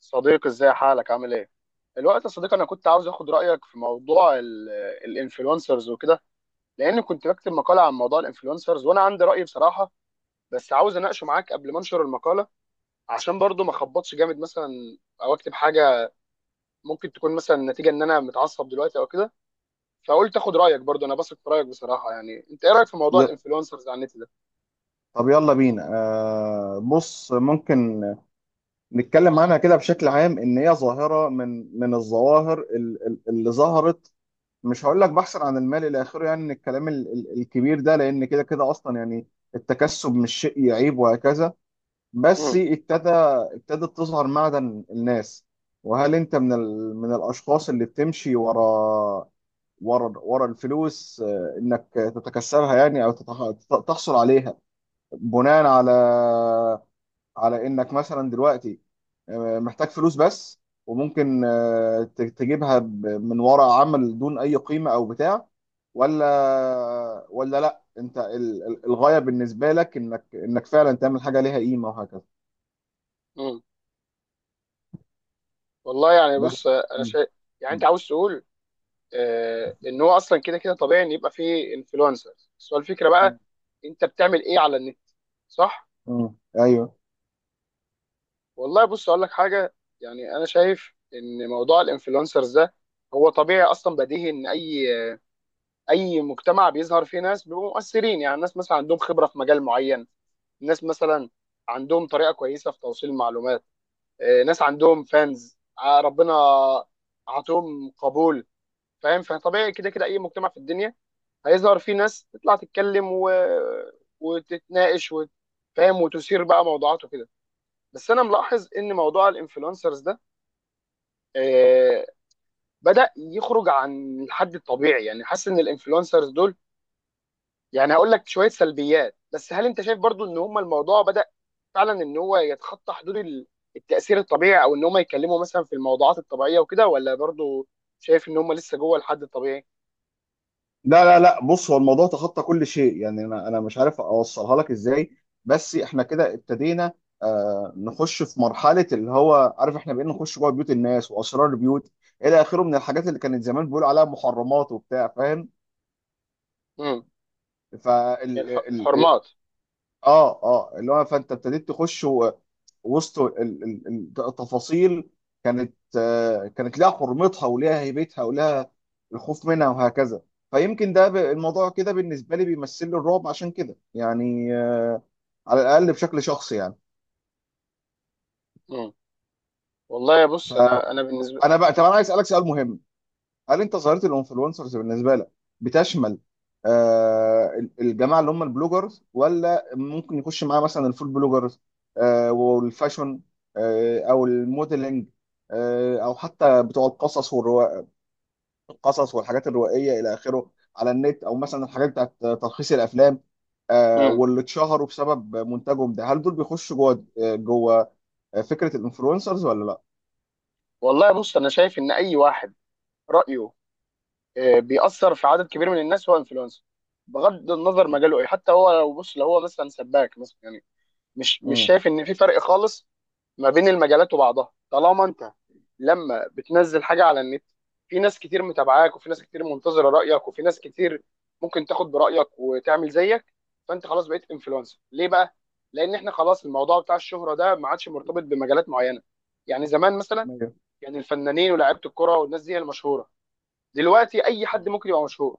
صديقي، ازاي حالك، عامل ايه؟ الوقت يا صديقي، انا كنت عاوز اخد رايك في موضوع الانفلونسرز وكده، لان كنت بكتب مقاله عن موضوع الانفلونسرز، وانا عندي راي بصراحه، بس عاوز اناقشه معاك قبل ما انشر المقاله، عشان برضو ما اخبطش جامد مثلا، او اكتب حاجه ممكن تكون مثلا نتيجه ان انا متعصب دلوقتي او كده. فقلت اخد رايك برضو، انا بثق في رايك بصراحه. يعني انت ايه رايك في موضوع ي- الانفلونسرز على النت ده؟ طب يلا بينا بص، ممكن نتكلم عنها كده بشكل عام، ان هي ظاهره من الظواهر اللي ظهرت. مش هقول لك بحثا عن المال الى اخره، يعني من الكلام الكبير ده. لان كده كده اصلا، يعني التكسب مش شيء يعيب وهكذا. بس امم، ابتدت تظهر معدن الناس. وهل انت من الاشخاص اللي بتمشي ورا الفلوس؟ انك تتكسبها، يعني او تحصل عليها بناء على انك مثلا دلوقتي محتاج فلوس بس، وممكن تجيبها من وراء عمل دون اي قيمة او بتاع، ولا لا، انت الغاية بالنسبة لك انك فعلا تعمل حاجة ليها قيمة وهكذا. امم. والله يعني، بص بس انا م- شايف، يعني م- انت عاوز تقول، ان هو اصلا كده كده طبيعي ان يبقى فيه انفلونسرز. بس هو الفكره م- بقى انت بتعمل ايه على النت، صح؟ ايوه. والله، بص اقول لك حاجه. يعني انا شايف ان موضوع الانفلونسرز ده هو طبيعي اصلا، بديهي ان اي اي مجتمع بيظهر فيه ناس بيبقوا مؤثرين. يعني الناس مثلا عندهم خبره في مجال معين، ناس مثلا عندهم طريقه كويسه في توصيل المعلومات، ناس عندهم فانز، ربنا عطوهم قبول، فاهم؟ فطبيعي كده كده اي مجتمع في الدنيا هيظهر فيه ناس تطلع تتكلم وتتناقش فاهم، وتثير بقى موضوعات وكده. بس انا ملاحظ ان موضوع الانفلونسرز ده آه بدأ يخرج عن الحد الطبيعي. يعني حاسس ان الانفلونسرز دول، يعني هقول لك شوية سلبيات، بس هل انت شايف برضو ان هم الموضوع بدأ فعلا ان هو يتخطى حدود التأثير الطبيعي، او ان هم يتكلموا مثلا في الموضوعات الطبيعية وكده، ولا برضو شايف ان هم لسه جوه الحد الطبيعي؟ لا لا لا، بص، هو الموضوع تخطى كل شيء، يعني انا مش عارف اوصلها لك ازاي. بس احنا كده ابتدينا نخش في مرحله اللي هو عارف، احنا بقينا نخش جوه بيوت الناس واسرار البيوت الى اخره، من الحاجات اللي كانت زمان بيقولوا عليها محرمات وبتاع، فاهم؟ امم. ف الحرمات. اه اللي هو، فانت ابتديت تخش وسط التفاصيل. كانت لها حرمتها ولها هيبتها ولها الخوف منها وهكذا. فيمكن ده، الموضوع كده بالنسبه لي بيمثل لي الرعب، عشان كده يعني، على الاقل بشكل شخصي يعني. امم. والله بص، انا فانا بالنسبة. بقى طب انا عايز اسالك سؤال مهم. هل انت ظاهره الانفلونسرز بالنسبه لك بتشمل الجماعه اللي هم البلوجرز، ولا ممكن يخش معاه مثلا الفود بلوجرز، والفاشن، او الموديلنج، او حتى بتوع القصص والحاجات الروائيه الى اخره على النت، او مثلا الحاجات بتاعت تلخيص الافلام، مم. واللي اتشهروا بسبب منتجهم ده؟ هل دول بيخشوا جوه فكره الانفلونسرز ولا لا؟ والله، بص انا شايف ان اي واحد رايه بيأثر في عدد كبير من الناس هو انفلونسر، بغض النظر مجاله ايه. حتى هو لو بص لو هو مثلا سباك مثلا، يعني مش امم شايف ان في فرق خالص ما بين المجالات وبعضها. طالما انت لما بتنزل حاجه على النت، في ناس كتير متابعاك، وفي ناس كتير منتظره رايك، وفي ناس كتير ممكن تاخد برايك وتعمل زيك، فانت خلاص بقيت انفلونسر. ليه بقى؟ لان احنا خلاص الموضوع بتاع الشهره ده ما عادش مرتبط بمجالات معينه. يعني زمان مثلا، يعني الفنانين ولاعيبه الكرة والناس دي هي المشهورة، دلوقتي أي حد ممكن يبقى مشهور.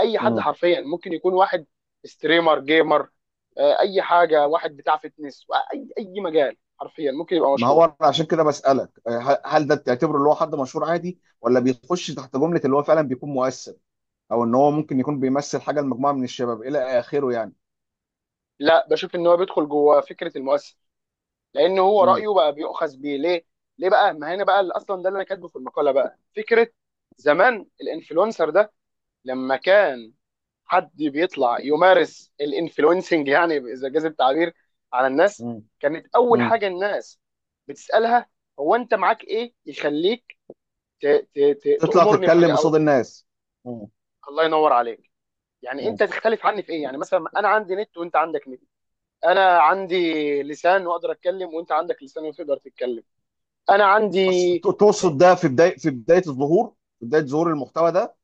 أي حد مم. حرفيا ممكن يكون واحد ستريمر، جيمر، أي حاجة، واحد بتاع فتنس، أي أي مجال حرفيا ممكن يبقى ما مشهور. هو أنا عشان كده بسألك، هل ده تعتبره اللي هو حد مشهور عادي، ولا بيخش تحت جملة اللي هو فعلا بيكون مؤثر، او ان هو ممكن يكون بيمثل حاجة لمجموعة من الشباب الى اخره يعني. لا، بشوف إن هو بيدخل جوه فكرة المؤثر، لأن هو مم. رأيه بقى بيؤخذ بيه. ليه؟ ليه بقى؟ ما هنا بقى اللي أصلا ده اللي أنا كاتبه في المقالة بقى فكرة. زمان الانفلونسر ده لما كان حد بيطلع يمارس الانفلونسنج، يعني اذا جاز التعبير، على الناس، مم. كانت اول مم. حاجه الناس بتسالها: هو انت معاك ايه يخليك ت- ت- تطلع تامرني تتكلم بحاجه؟ او قصاد الناس. مم. الله ينور عليك، يعني مم. انت تختلف عني في ايه؟ يعني مثلا انا عندي نت وانت عندك نت، انا عندي لسان واقدر اتكلم، وانت عندك لسان وتقدر تتكلم، انا بس عندي تقصد ده في بداية في بداية الظهور، في بداية ظهور المحتوى ده؟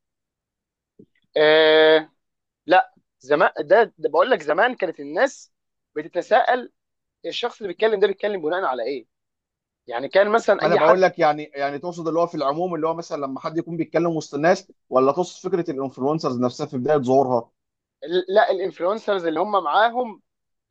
آه لا، زمان ده بقول لك، زمان كانت الناس بتتساءل الشخص اللي بيتكلم ده بيتكلم بناء على ايه. يعني كان لا، مثلا ما انا اي بقول حد، لك، يعني تقصد اللي هو في العموم، اللي هو مثلا لما حد يكون بيتكلم وسط الناس، ولا تقصد فكرة الانفلونسرز نفسها في بداية ظهورها؟ لا الانفلونسرز اللي هم معاهم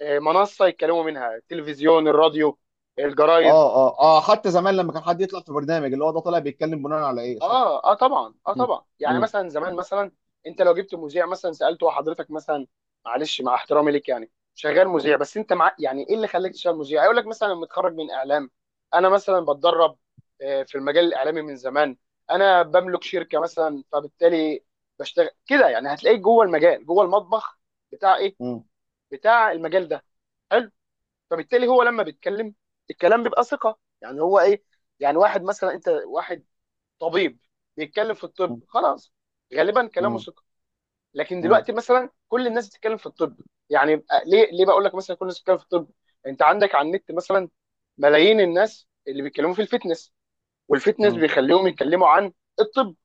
منصه يتكلموا منها: التلفزيون، الراديو، الجرايد. اه اه اه، حتى زمان لما كان حد يطلع في برنامج، اللي هو ده طالع بيتكلم بناء على ايه، صح؟ اه، اه، طبعا، اه، مم. طبعا. يعني مم. مثلا زمان مثلا انت لو جبت مذيع مثلا، سالته: حضرتك مثلا، معلش مع احترامي ليك، يعني شغال مذيع، بس انت مع، يعني، ايه اللي خلاك تشتغل مذيع؟ هيقول لك مثلا: متخرج من اعلام، انا مثلا بتدرب في المجال الاعلامي من زمان، انا بملك شركه مثلا، فبالتالي بشتغل كده. يعني هتلاقيك جوه المجال، جوه المطبخ بتاع ايه؟ مم. بتاع المجال ده. حلو. فبالتالي هو لما بيتكلم الكلام بيبقى ثقه. يعني هو ايه، يعني واحد مثلا انت واحد طبيب بيتكلم في الطب، مم. خلاص غالبا كلامه ثقه. لكن مم. دلوقتي مثلا كل الناس بتتكلم في الطب. يعني ليه بقول لك مثلا كل الناس بتتكلم في الطب. انت عندك على النت مثلا ملايين الناس اللي بيتكلموا في الفتنس، والفتنس مم. بيخليهم يتكلموا عن الطب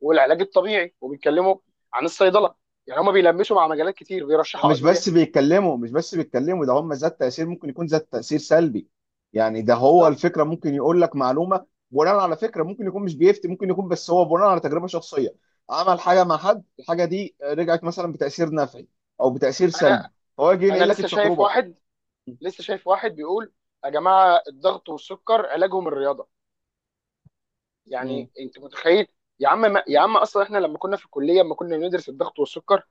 والعلاج الطبيعي، وبيتكلموا عن الصيدله. يعني هما بيلمسوا مع مجالات كتير، ده بيرشحوا ادويه. مش بس بيتكلموا، ده هم ذات تأثير، ممكن يكون ذات تأثير سلبي، يعني ده هو بالظبط. الفكرة. ممكن يقول لك معلومة بناء على فكرة، ممكن يكون مش بيفتي، ممكن يكون بس هو بناء على تجربة شخصية عمل حاجة مع حد، الحاجة دي رجعت مثلا بتأثير نفعي او بتأثير سلبي، انا فهو يجي انا ينقل لك لسه شايف التجربة. واحد، لسه شايف واحد بيقول: يا جماعه، الضغط والسكر علاجهم الرياضه. مم. يعني انت متخيل؟ يا عم، ما يا عم اصلا احنا لما كنا في الكليه، لما كنا بندرس الضغط والسكر،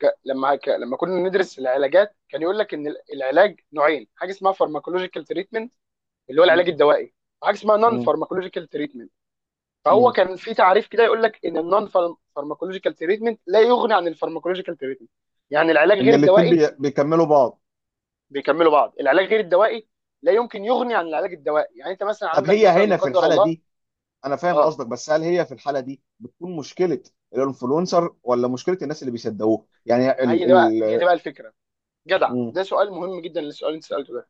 لما كنا ندرس العلاجات، كان يقول لك ان العلاج نوعين: حاجه اسمها فارماكولوجيكال تريتمنت، اللي هو العلاج مم. الدوائي، وحاجه اسمها نون مم. فارماكولوجيكال تريتمنت. فهو مم. كان في تعريف كده يقول لك ان النون فارماكولوجيكال تريتمنت لا يغني عن الفارماكولوجيكال تريتمنت، يعني العلاج ان غير الاتنين الدوائي بيكملوا بعض. بيكملوا بعض. العلاج غير الدوائي لا يمكن يغني عن العلاج الدوائي. يعني انت مثلا طب، عندك هي مثلا، لا هنا في قدر الحالة الله، دي انا فاهم اه. قصدك، بس هل هي في الحالة دي بتكون مشكلة الانفلونسر ولا مشكلة الناس اللي بيصدقوه، يعني ما هي ال دي بقى هي دي ال بقى الفكره. جدع، مم، ده سؤال مهم جدا، للسؤال اللي انت سالته ده.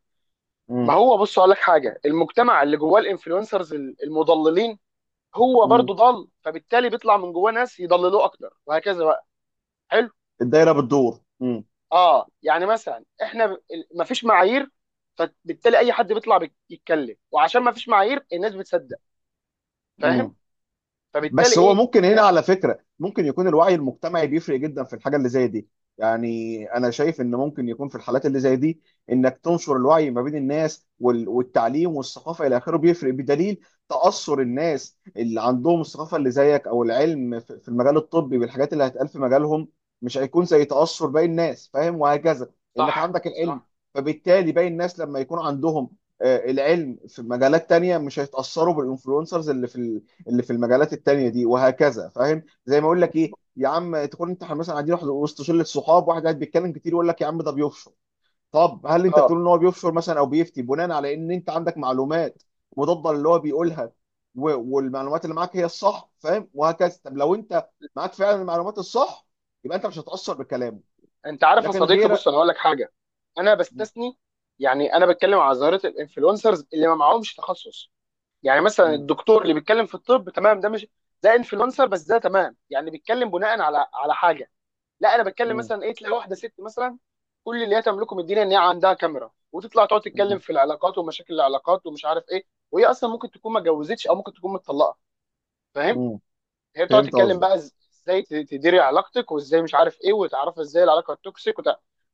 ما مم، هو، بص اقول لك حاجه، المجتمع اللي جواه الانفلونسرز المضللين هو مم. برضو ضال، فبالتالي بيطلع من جواه ناس يضللوه اكتر وهكذا بقى. حلو. الدايرة بتدور. مم، اه، يعني مثلا احنا مفيش معايير، فبالتالي اي حد بيطلع يتكلم، وعشان مفيش معايير الناس بتصدق، فاهم؟ مم. فبالتالي بس هو ايه ممكن هنا هي؟ على فكرة ممكن يكون الوعي المجتمعي بيفرق جدا في الحاجة اللي زي دي. يعني انا شايف ان ممكن يكون في الحالات اللي زي دي، انك تنشر الوعي ما بين الناس والتعليم والثقافة الى اخره بيفرق، بدليل تأثر الناس اللي عندهم الثقافة اللي زيك او العلم في المجال الطبي بالحاجات اللي هتقال في مجالهم، مش هيكون زي تأثر باقي الناس، فاهم؟ وهكذا. انك صح، عندك العلم، صح. فبالتالي باقي الناس لما يكون عندهم العلم في مجالات تانية مش هيتأثروا بالانفلونسرز اللي في المجالات التانية دي وهكذا، فاهم؟ زي ما اقول لك ايه يا عم، تكون انت مثلا قاعدين واحد وسط شله صحاب، واحد قاعد بيتكلم كتير يقول لك يا عم ده بيفشر. طب هل انت اه. بتقول ان هو بيفشر مثلا، او بيفتي بناء على ان انت عندك معلومات مضاده للي هو بيقولها، والمعلومات اللي معاك هي الصح، فاهم؟ وهكذا. طب لو انت معاك فعلا المعلومات الصح، يبقى انت مش هتأثر بكلامه، انت عارف يا لكن صديقي، بص غيرك. انا هقول لك حاجه، انا م- بستثني، يعني انا بتكلم على ظاهره الانفلونسرز اللي ما معهمش تخصص. يعني مثلا م- الدكتور اللي بيتكلم في الطب تمام، ده مش ده انفلونسر بس ده تمام، يعني بيتكلم بناء على على حاجه. لا، انا بتكلم م- مثلا ايه، تلاقي واحده ست مثلا كل اللي هي تملكه من الدنيا ان هي عندها كاميرا، وتطلع تقعد م- تتكلم في العلاقات ومشاكل العلاقات ومش عارف ايه، وهي اصلا ممكن تكون ما اتجوزتش او ممكن تكون متطلقه، فاهم؟ م. هي بتقعد فهمت تتكلم قصدك. بقى ازاي تديري علاقتك، وازاي مش عارف ايه، وتعرفي ازاي العلاقه التوكسيك،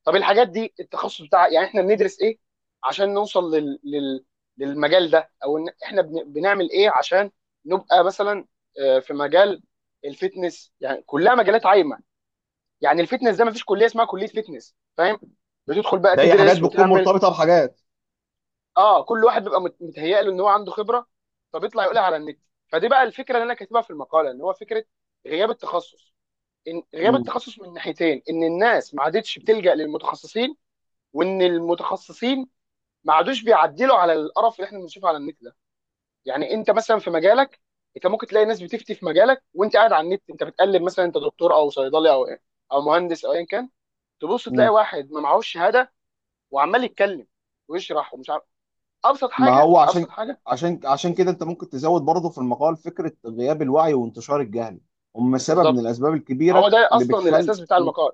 طب الحاجات دي التخصص بتاع، يعني احنا بندرس ايه عشان نوصل للمجال ده؟ او ان احنا بنعمل ايه عشان نبقى مثلا في مجال الفتنس؟ يعني كلها مجالات عايمه. يعني الفتنس ده ما فيش كليه اسمها كليه فتنس، فاهم؟ بتدخل بقى ده هي حاجات تدرس بتكون وتعمل، مرتبطه بحاجات. اه، كل واحد بيبقى متهيأ له ان هو عنده خبره، فبيطلع يقولها على النت. فدي بقى الفكره اللي انا كاتبها في المقاله، ان هو فكره غياب التخصص. إن غياب م- التخصص من ناحيتين: ان الناس ما عادتش بتلجأ للمتخصصين، وان المتخصصين ما عادوش بيعدلوا على القرف اللي احنا بنشوفه على النت ده. يعني انت مثلا في مجالك، انت ممكن تلاقي ناس بتفتي في مجالك، وانت قاعد على النت انت بتقلب، مثلا انت دكتور او صيدلي او ايه او مهندس او ايا كان، تبص تلاقي م. واحد ما معهوش شهاده وعمال يتكلم ويشرح ومش عارف. ابسط ما حاجه، هو عشان ابسط حاجه. كده انت ممكن تزود برضه في المقال فكره غياب الوعي وانتشار الجهل، هم سبب من بالظبط. الاسباب ما هو الكبيره ده اللي اصلا بتخلي. الاساس بتاع مم، المقال.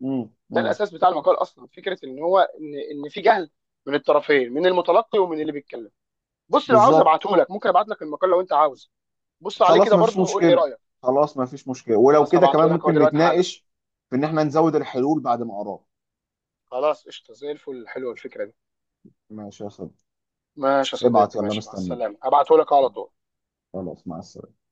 مم، ده مم. الاساس بتاع المقال اصلا، فكره ان هو ان في جهل من الطرفين، من المتلقي ومن اللي بيتكلم. بص، لو عاوز بالظبط. ابعته لك ممكن ابعت لك المقال لو انت عاوز، بص عليه خلاص كده ما فيش برضه وقول لي مشكله. رايك. خلاص ما فيش مشكله، ولو خلاص، كده هبعته كمان لك اهو ممكن دلوقتي حالا. نتناقش في ان احنا نزود الحلول بعد ما اراك. خلاص، قشطه زي الفل، حلوه الفكره دي. ماشي يا صديقي. ماشي يا ابعت صديقي، يلا، ماشي، مع مستنيك. السلامه، هبعته لك على طول. خلاص، مع السلامه.